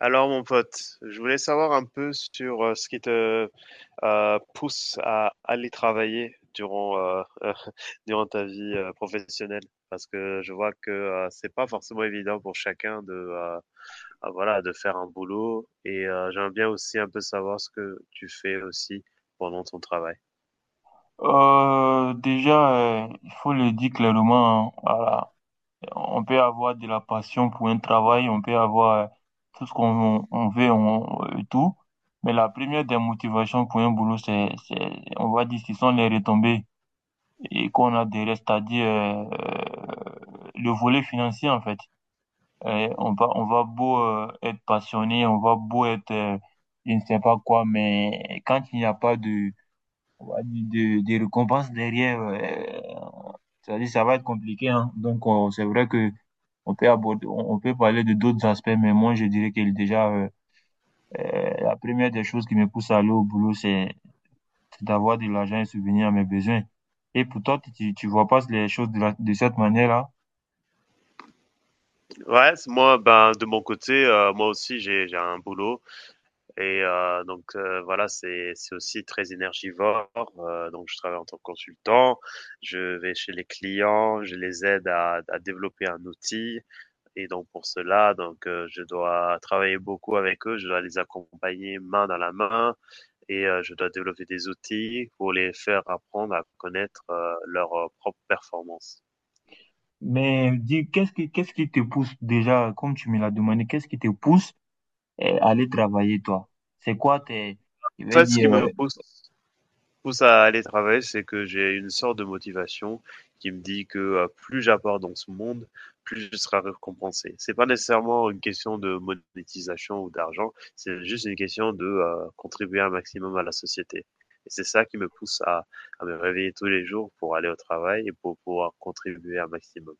Alors, mon pote, je voulais savoir un peu sur ce qui te pousse à aller travailler durant, durant ta vie professionnelle, parce que je vois que c'est pas forcément évident pour chacun de, ah, voilà, de faire un boulot, et j'aimerais bien aussi un peu savoir ce que tu fais aussi pendant ton travail. Déjà, il faut le dire clairement, hein, voilà. On peut avoir de la passion pour un travail, on peut avoir tout ce qu'on on veut, on, et tout. Mais la première des motivations pour un boulot, on va dire, ce sont les retombées et qu'on a des restes, c'est-à-dire le volet financier, en fait. On va beau être passionné, on va beau être, je ne sais pas quoi, mais quand il n'y a pas de, on va dire, de récompense derrière. C'est-à-dire, ça va être compliqué, hein. Donc, c'est vrai que on peut aborder, on peut parler de d'autres aspects, mais moi, je dirais que déjà, la première des choses qui me pousse à aller au boulot, c'est d'avoir de l'argent et subvenir à mes besoins. Et pour toi, tu vois pas les choses de cette manière-là? Ouais, moi, ben, de mon côté, moi aussi, j'ai un boulot. Et donc voilà, c'est aussi très énergivore. Donc je travaille en tant que consultant, je vais chez les clients, je les aide à développer un outil. Et donc pour cela, donc je dois travailler beaucoup avec eux, je dois les accompagner main dans la main et je dois développer des outils pour les faire apprendre à connaître leur propre performance. Mais dis, qu'est-ce qui te pousse déjà, comme tu me l'as demandé, qu'est-ce qui te pousse à aller travailler, toi? C'est quoi tes, je En vais fait, ce qui dire. me pousse à aller travailler, c'est que j'ai une sorte de motivation qui me dit que plus j'apporte dans ce monde, plus je serai récompensé. C'est pas nécessairement une question de monétisation ou d'argent, c'est juste une question de contribuer un maximum à la société. Et c'est ça qui me pousse à me réveiller tous les jours pour aller au travail et pour pouvoir contribuer un maximum.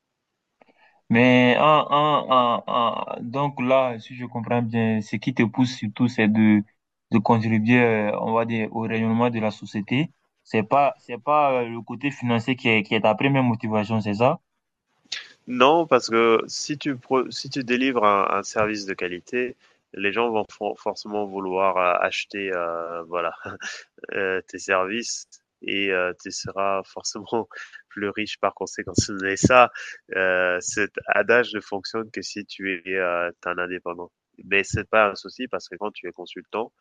Mais donc là, si je comprends bien, ce qui te pousse surtout, c'est de contribuer, on va dire, au rayonnement de la société. C'est pas le côté financier qui est ta première motivation, c'est ça? Non, parce que si tu délivres un service de qualité, les gens vont forcément vouloir acheter, voilà, tes services et tu seras forcément plus riche par conséquent. Mais ça, cet adage ne fonctionne que si tu es un indépendant. Mais c'est pas un souci parce que quand tu es consultant,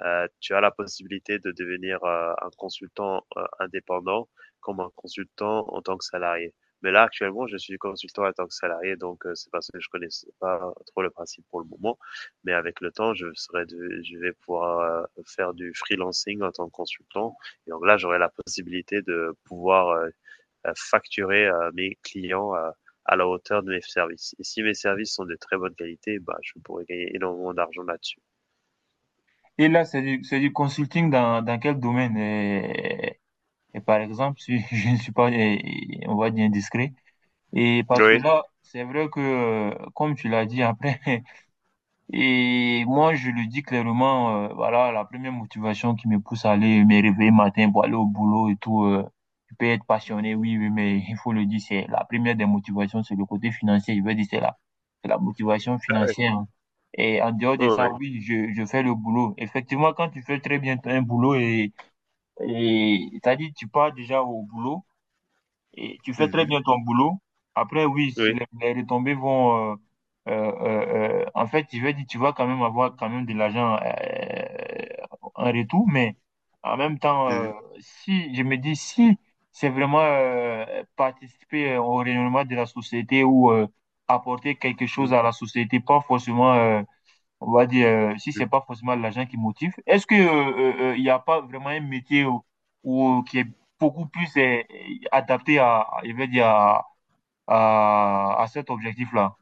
tu as la possibilité de devenir un consultant indépendant comme un consultant en tant que salarié. Mais là, actuellement, je suis consultant en tant que salarié, donc c'est parce que je connaissais pas trop le principe pour le moment. Mais avec le temps, je vais pouvoir faire du freelancing en tant que consultant. Et donc là, j'aurai la possibilité de pouvoir facturer mes clients à la hauteur de mes services. Et si mes services sont de très bonne qualité, bah, je pourrais gagner énormément d'argent là-dessus. Et là, c'est du consulting dans quel domaine? Et, par exemple, si je ne suis pas, on va dire, indiscret. Et parce que Oui. là, c'est vrai que, comme tu l'as dit, après. Et moi, je le dis clairement, voilà, la première motivation qui me pousse à aller me réveiller matin pour aller au boulot et tout, je peux être passionné, oui, oui, mais il faut le dire, c'est la première des motivations, c'est le côté financier. Je veux dire, c'est la motivation Ah ouais. financière, hein. Et en dehors de Oh, ça, oui. oui, je fais le boulot. Effectivement, quand tu fais très bien un boulot c'est-à-dire, tu pars déjà au boulot, et tu fais très Mhm. bien ton boulot. Après, oui, si Oui. Les retombées vont en fait, je vais dire, tu vas quand même avoir quand même de l'argent en retour, mais en même temps, Mhm. si je me dis si c'est vraiment participer au rayonnement de la société ou apporter quelque chose Mhm. à la société, pas forcément on va dire, si c'est pas forcément l'argent qui motive, est-ce que il n'y a pas vraiment un métier qui est beaucoup plus adapté je vais dire, à cet objectif-là?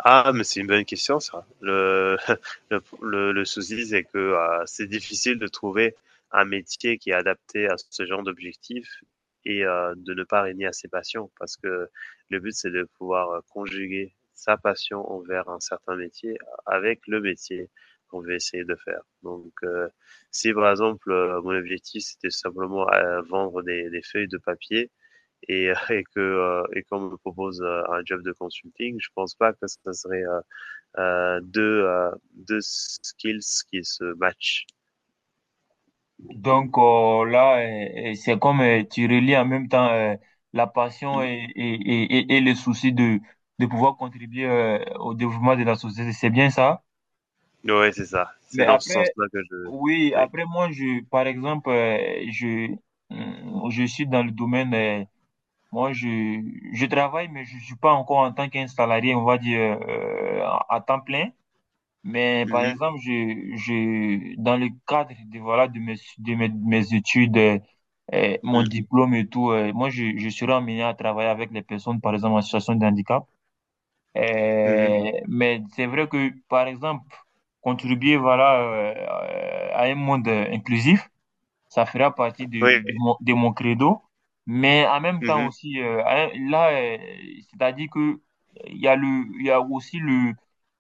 Ah, mais c'est une bonne question ça. Le souci, c'est que c'est difficile de trouver un métier qui est adapté à ce genre d'objectif et de ne pas régner à ses passions parce que le but, c'est de pouvoir conjuguer sa passion envers un certain métier avec le métier qu'on veut essayer de faire. Donc, si par exemple, mon objectif, c'était simplement vendre des feuilles de papier, et qu'on me propose un job de consulting, je pense pas que ça serait deux skills qui se matchent. Donc là, c'est comme tu relis en même temps la passion et le souci de pouvoir contribuer au développement de la société. C'est bien ça? Ouais, c'est ça. C'est Mais dans ce après, sens-là que je. oui, Oui. après moi, par exemple, je suis dans le domaine moi, je travaille, mais je suis pas encore en tant qu'un salarié, on va dire, euh, à temps plein. Mais par Mhm. exemple, dans le cadre de, voilà, de mes études, mon Mhm. diplôme et tout, moi, je serai amené à travailler avec les personnes, par exemple, en situation de handicap. Mhm. Mais c'est vrai que, par exemple, contribuer, voilà, à un monde inclusif, ça fera partie Oui. De mon credo. Mais en même temps Mhm. aussi, hein, là, c'est-à-dire que il y a le, il y a aussi le,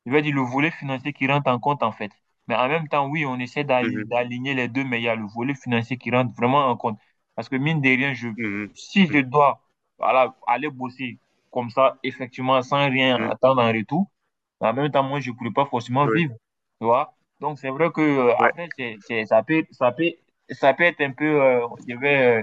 je vais dire le volet financier qui rentre en compte en fait. Mais en même temps, oui, on essaie Mhm. d'aligner les deux, mais il y a le volet financier qui rentre vraiment en compte. Parce que mine de rien, Mhm. si je dois, voilà, aller bosser comme ça, effectivement, sans rien Mhm. attendre en retour, en même temps, moi, je ne pourrais pas forcément Oui. vivre, tu vois. Donc, c'est vrai que Ouais. après, ça peut être un peu,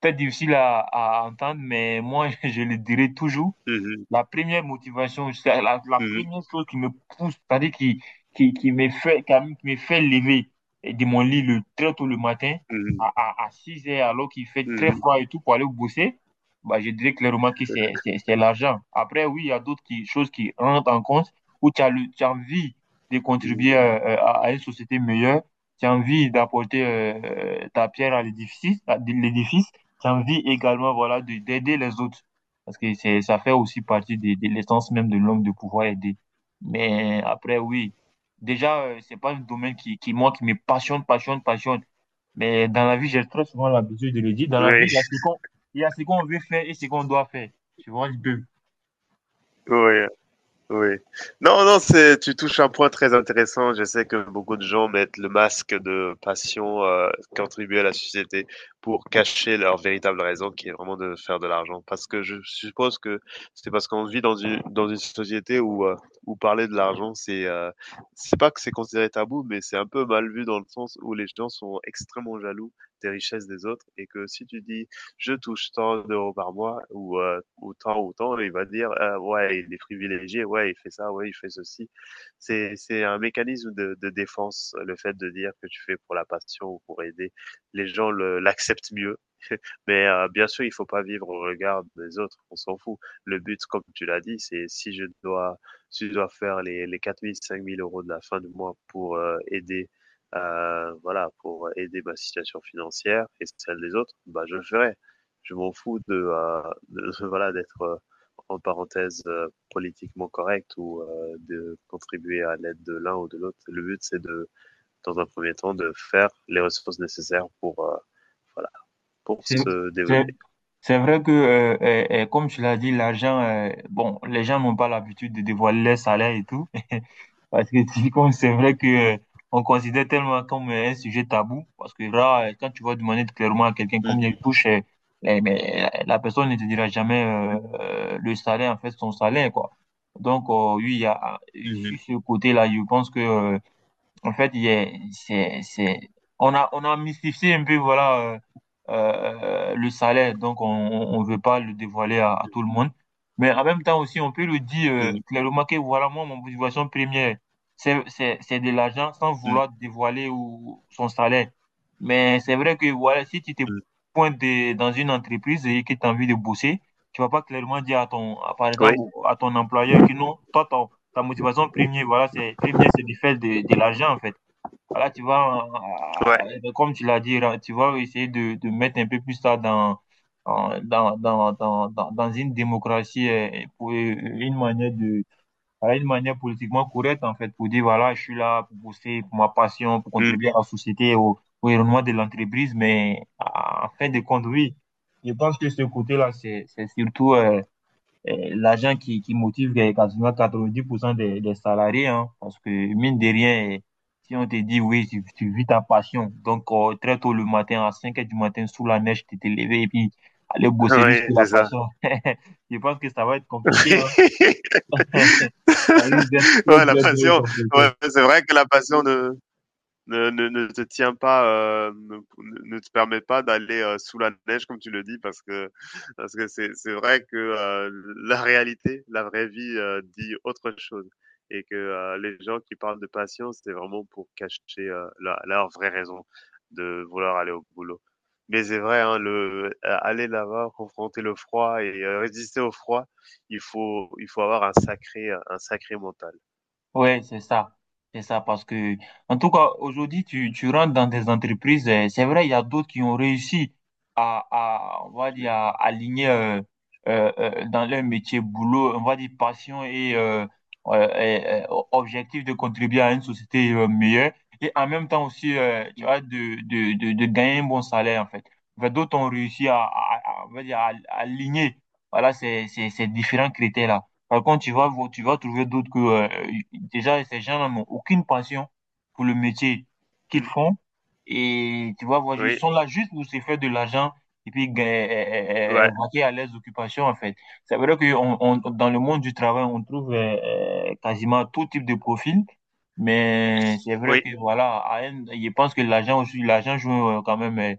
peut-être difficile à entendre, mais moi, je le dirai toujours. Mhm. La première motivation, la Mhm. première chose qui me pousse, c'est-à-dire qui me fait lever de mon lit très tôt le matin, Mhm. À 6 heures, alors qu'il fait très Mhm. froid et tout, pour aller bosser, bah, je dirais clairement que c'est l'argent. Après, oui, il y a d'autres choses qui rentrent en compte, où tu as envie de contribuer Mhm. À une société meilleure, tu as envie d'apporter ta pierre à l'édifice, tu as envie également, voilà, d'aider les autres. Parce que ça fait aussi partie de l'essence même de l'homme de pouvoir aider. Mais après, oui. Déjà, c'est pas un domaine moi, qui me passionne, passionne, passionne. Mais dans la vie, j'ai très souvent l'habitude de le dire. Dans la vie, Oui. Il y a ce qu'on veut faire et ce qu'on doit faire. Tu vois, je peux. Oui. Oui. Non, non, c'est, tu touches un point très intéressant. Je sais que beaucoup de gens mettent le masque de passion contribuer à la société pour cacher leur véritable raison, qui est vraiment de faire de l'argent. Parce que je suppose que c'est parce qu'on vit dans dans une société où, où parler de l'argent, c'est pas que c'est considéré tabou, mais c'est un peu mal vu dans le sens où les gens sont extrêmement jaloux des richesses des autres. Et que si tu dis, je touche tant d'euros par mois ou autant, il va dire, ah, ouais, il est privilégié, ouais, il fait ça, ouais, il fait ceci. C'est un mécanisme de défense. Le fait de dire que tu fais pour la passion ou pour aider les gens, l'acceptent mieux. Mais bien sûr, il faut pas vivre au regard des autres, on s'en fout. Le but, comme tu l'as dit, c'est, si je dois faire les 4 000 5 000 euros de la fin du mois pour aider, voilà, pour aider ma situation financière et celle des autres, bah, je le ferai. Je m'en fous de, voilà, d'être en parenthèse politiquement correct ou de contribuer à l'aide de l'un ou de l'autre. Le but, c'est de, dans un premier temps, de faire les ressources nécessaires pour voilà, pour C'est, se c'est, développer. c'est vrai que, comme tu l'as dit, l'argent, bon, les gens n'ont pas l'habitude de dévoiler leur salaire et tout. Parce que typiquement, c'est vrai que euh, on considère tellement comme un sujet tabou. Parce que là, quand tu vas demander clairement à quelqu'un Mmh. combien il touche, mais, la personne ne te dira jamais le salaire, en fait, son salaire, quoi. Donc, oui, sur Mmh. ce côté-là, je pense que en fait, on a mystifié un peu, voilà, le salaire. Donc, on veut pas le dévoiler à tout le monde. Mais en même temps aussi, on peut le dire Mmh. clairement que voilà, moi, mon motivation première, c'est de l'argent sans Mmh. vouloir dévoiler ou son salaire. Mais c'est vrai que voilà, si tu te Mmh. pointes dans une entreprise et que tu as envie de bosser, tu vas pas clairement dire par Oui, exemple, à ton employeur que non, toi, ta motivation première, voilà, c'est première, c'est de faire de l'argent en fait. Voilà, ouais. Comme tu l'as dit, là, tu vas essayer de mettre un peu plus ça dans dans une démocratie pour une manière de voilà, une manière politiquement correcte en fait pour dire voilà, je suis là pour bosser pour ma passion, pour Mmh. contribuer à la société au développement de l'entreprise, mais en fin de compte, oui, je pense que ce côté-là, c'est surtout l'agent qui motive quasiment 90% des salariés, hein, parce que mine de rien, eh, si on te dit oui, tu vis ta passion, donc très tôt le matin, à 5 heures du matin, sous la neige, tu t'es levé et puis aller bosser juste Oui, pour la c'est ça. passion, je pense que ça va être compliqué. Hein. Ça risque d'être très, Ouais, la très, très passion, ouais, compliqué. c'est vrai que la passion de ne te tiens pas, euh, ne, ne te permet pas d'aller sous la neige comme tu le dis, parce que c'est vrai que la réalité, la vraie vie, dit autre chose, et que les gens qui parlent de patience, c'est vraiment pour cacher leur vraie raison de vouloir aller au boulot. Mais c'est vrai, hein, le aller là-bas, confronter le froid et résister au froid, il faut avoir un sacré mental. Ouais, c'est ça. C'est ça parce que, en tout cas, aujourd'hui, tu rentres dans des entreprises. C'est vrai, il y a d'autres qui ont réussi on va dire, à aligner dans leur métier, boulot, on va dire, passion et, objectif de contribuer à une société meilleure. Et en même temps aussi, tu Mm, vois, de gagner un bon salaire, en fait. Enfin, d'autres ont réussi on va dire, à aligner, voilà, ces différents critères-là. Par contre, tu vas trouver d'autres que, déjà, ces gens-là n'ont aucune passion pour le métier qu'ils mm. font. Et tu vas voir, ils Oui, sont là juste pour se faire de l'argent et puis gagner, ouais, vaquer à leurs occupations, en fait. C'est vrai que dans le monde du travail, on trouve quasiment tout type de profil. Mais c'est vrai oui, que, voilà, je pense que l'argent aussi, l'argent joue quand même euh,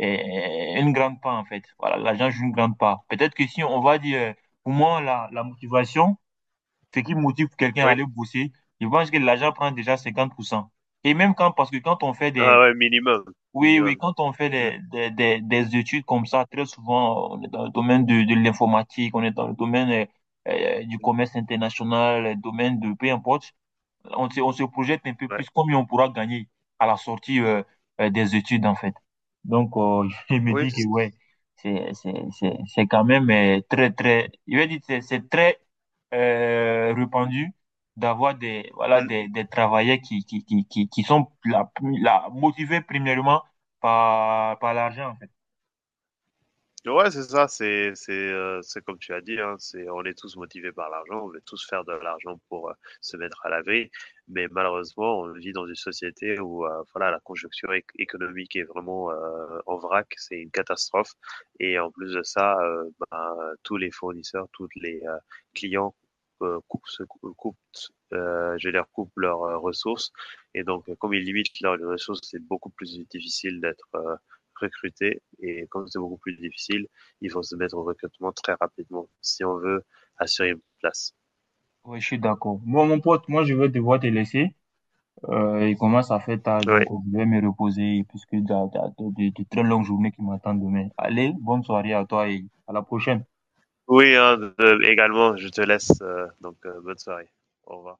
euh, une grande part, en fait. Voilà, l'argent joue une grande part. Peut-être que si on va dire, pour moi, la motivation, ce qui motive quelqu'un à oui. aller bosser, je pense que l'agent prend déjà 50%. Et même quand, parce que quand on fait Ah des, ouais, minimum, oui, oui, minimum. quand on fait Mmh, des, des études comme ça, très souvent, on est dans le domaine de l'informatique, on est dans le domaine du mh, commerce international, le domaine de, peu importe on se projette un peu ouais. plus combien on pourra gagner à la sortie des études, en fait. Donc, je me Oui, dis que, c ouais, c'est quand même très, très, je vais dire, c'est très répandu d'avoir des, voilà, mmh. Des travailleurs qui sont motivés premièrement par l'argent, en fait. Ouais, c'est ça, c'est comme tu as dit, hein, c'est, on est tous motivés par l'argent, on veut tous faire de l'argent pour, se mettre à l'abri. Mais malheureusement, on vit dans une société où, voilà, la conjoncture éc économique est vraiment, en vrac, c'est une catastrophe. Et en plus de ça, ben, tous les fournisseurs, tous les, clients, coupent, je veux coupe leurs, ressources, et donc comme ils limitent leurs ressources, c'est beaucoup plus difficile d'être, recruter. Et comme c'est beaucoup plus difficile, ils vont se mettre au recrutement très rapidement si on veut assurer une place. Ouais, je suis d'accord. Bon, mon pote, moi, je vais devoir te laisser. Il commence à faire tard, Oui, donc je vais me reposer puisque il y a de très longues journées qui m'attendent demain. Allez, bonne soirée à toi et à la prochaine. oui, hein, également, je te laisse. Donc, bonne soirée. Au revoir.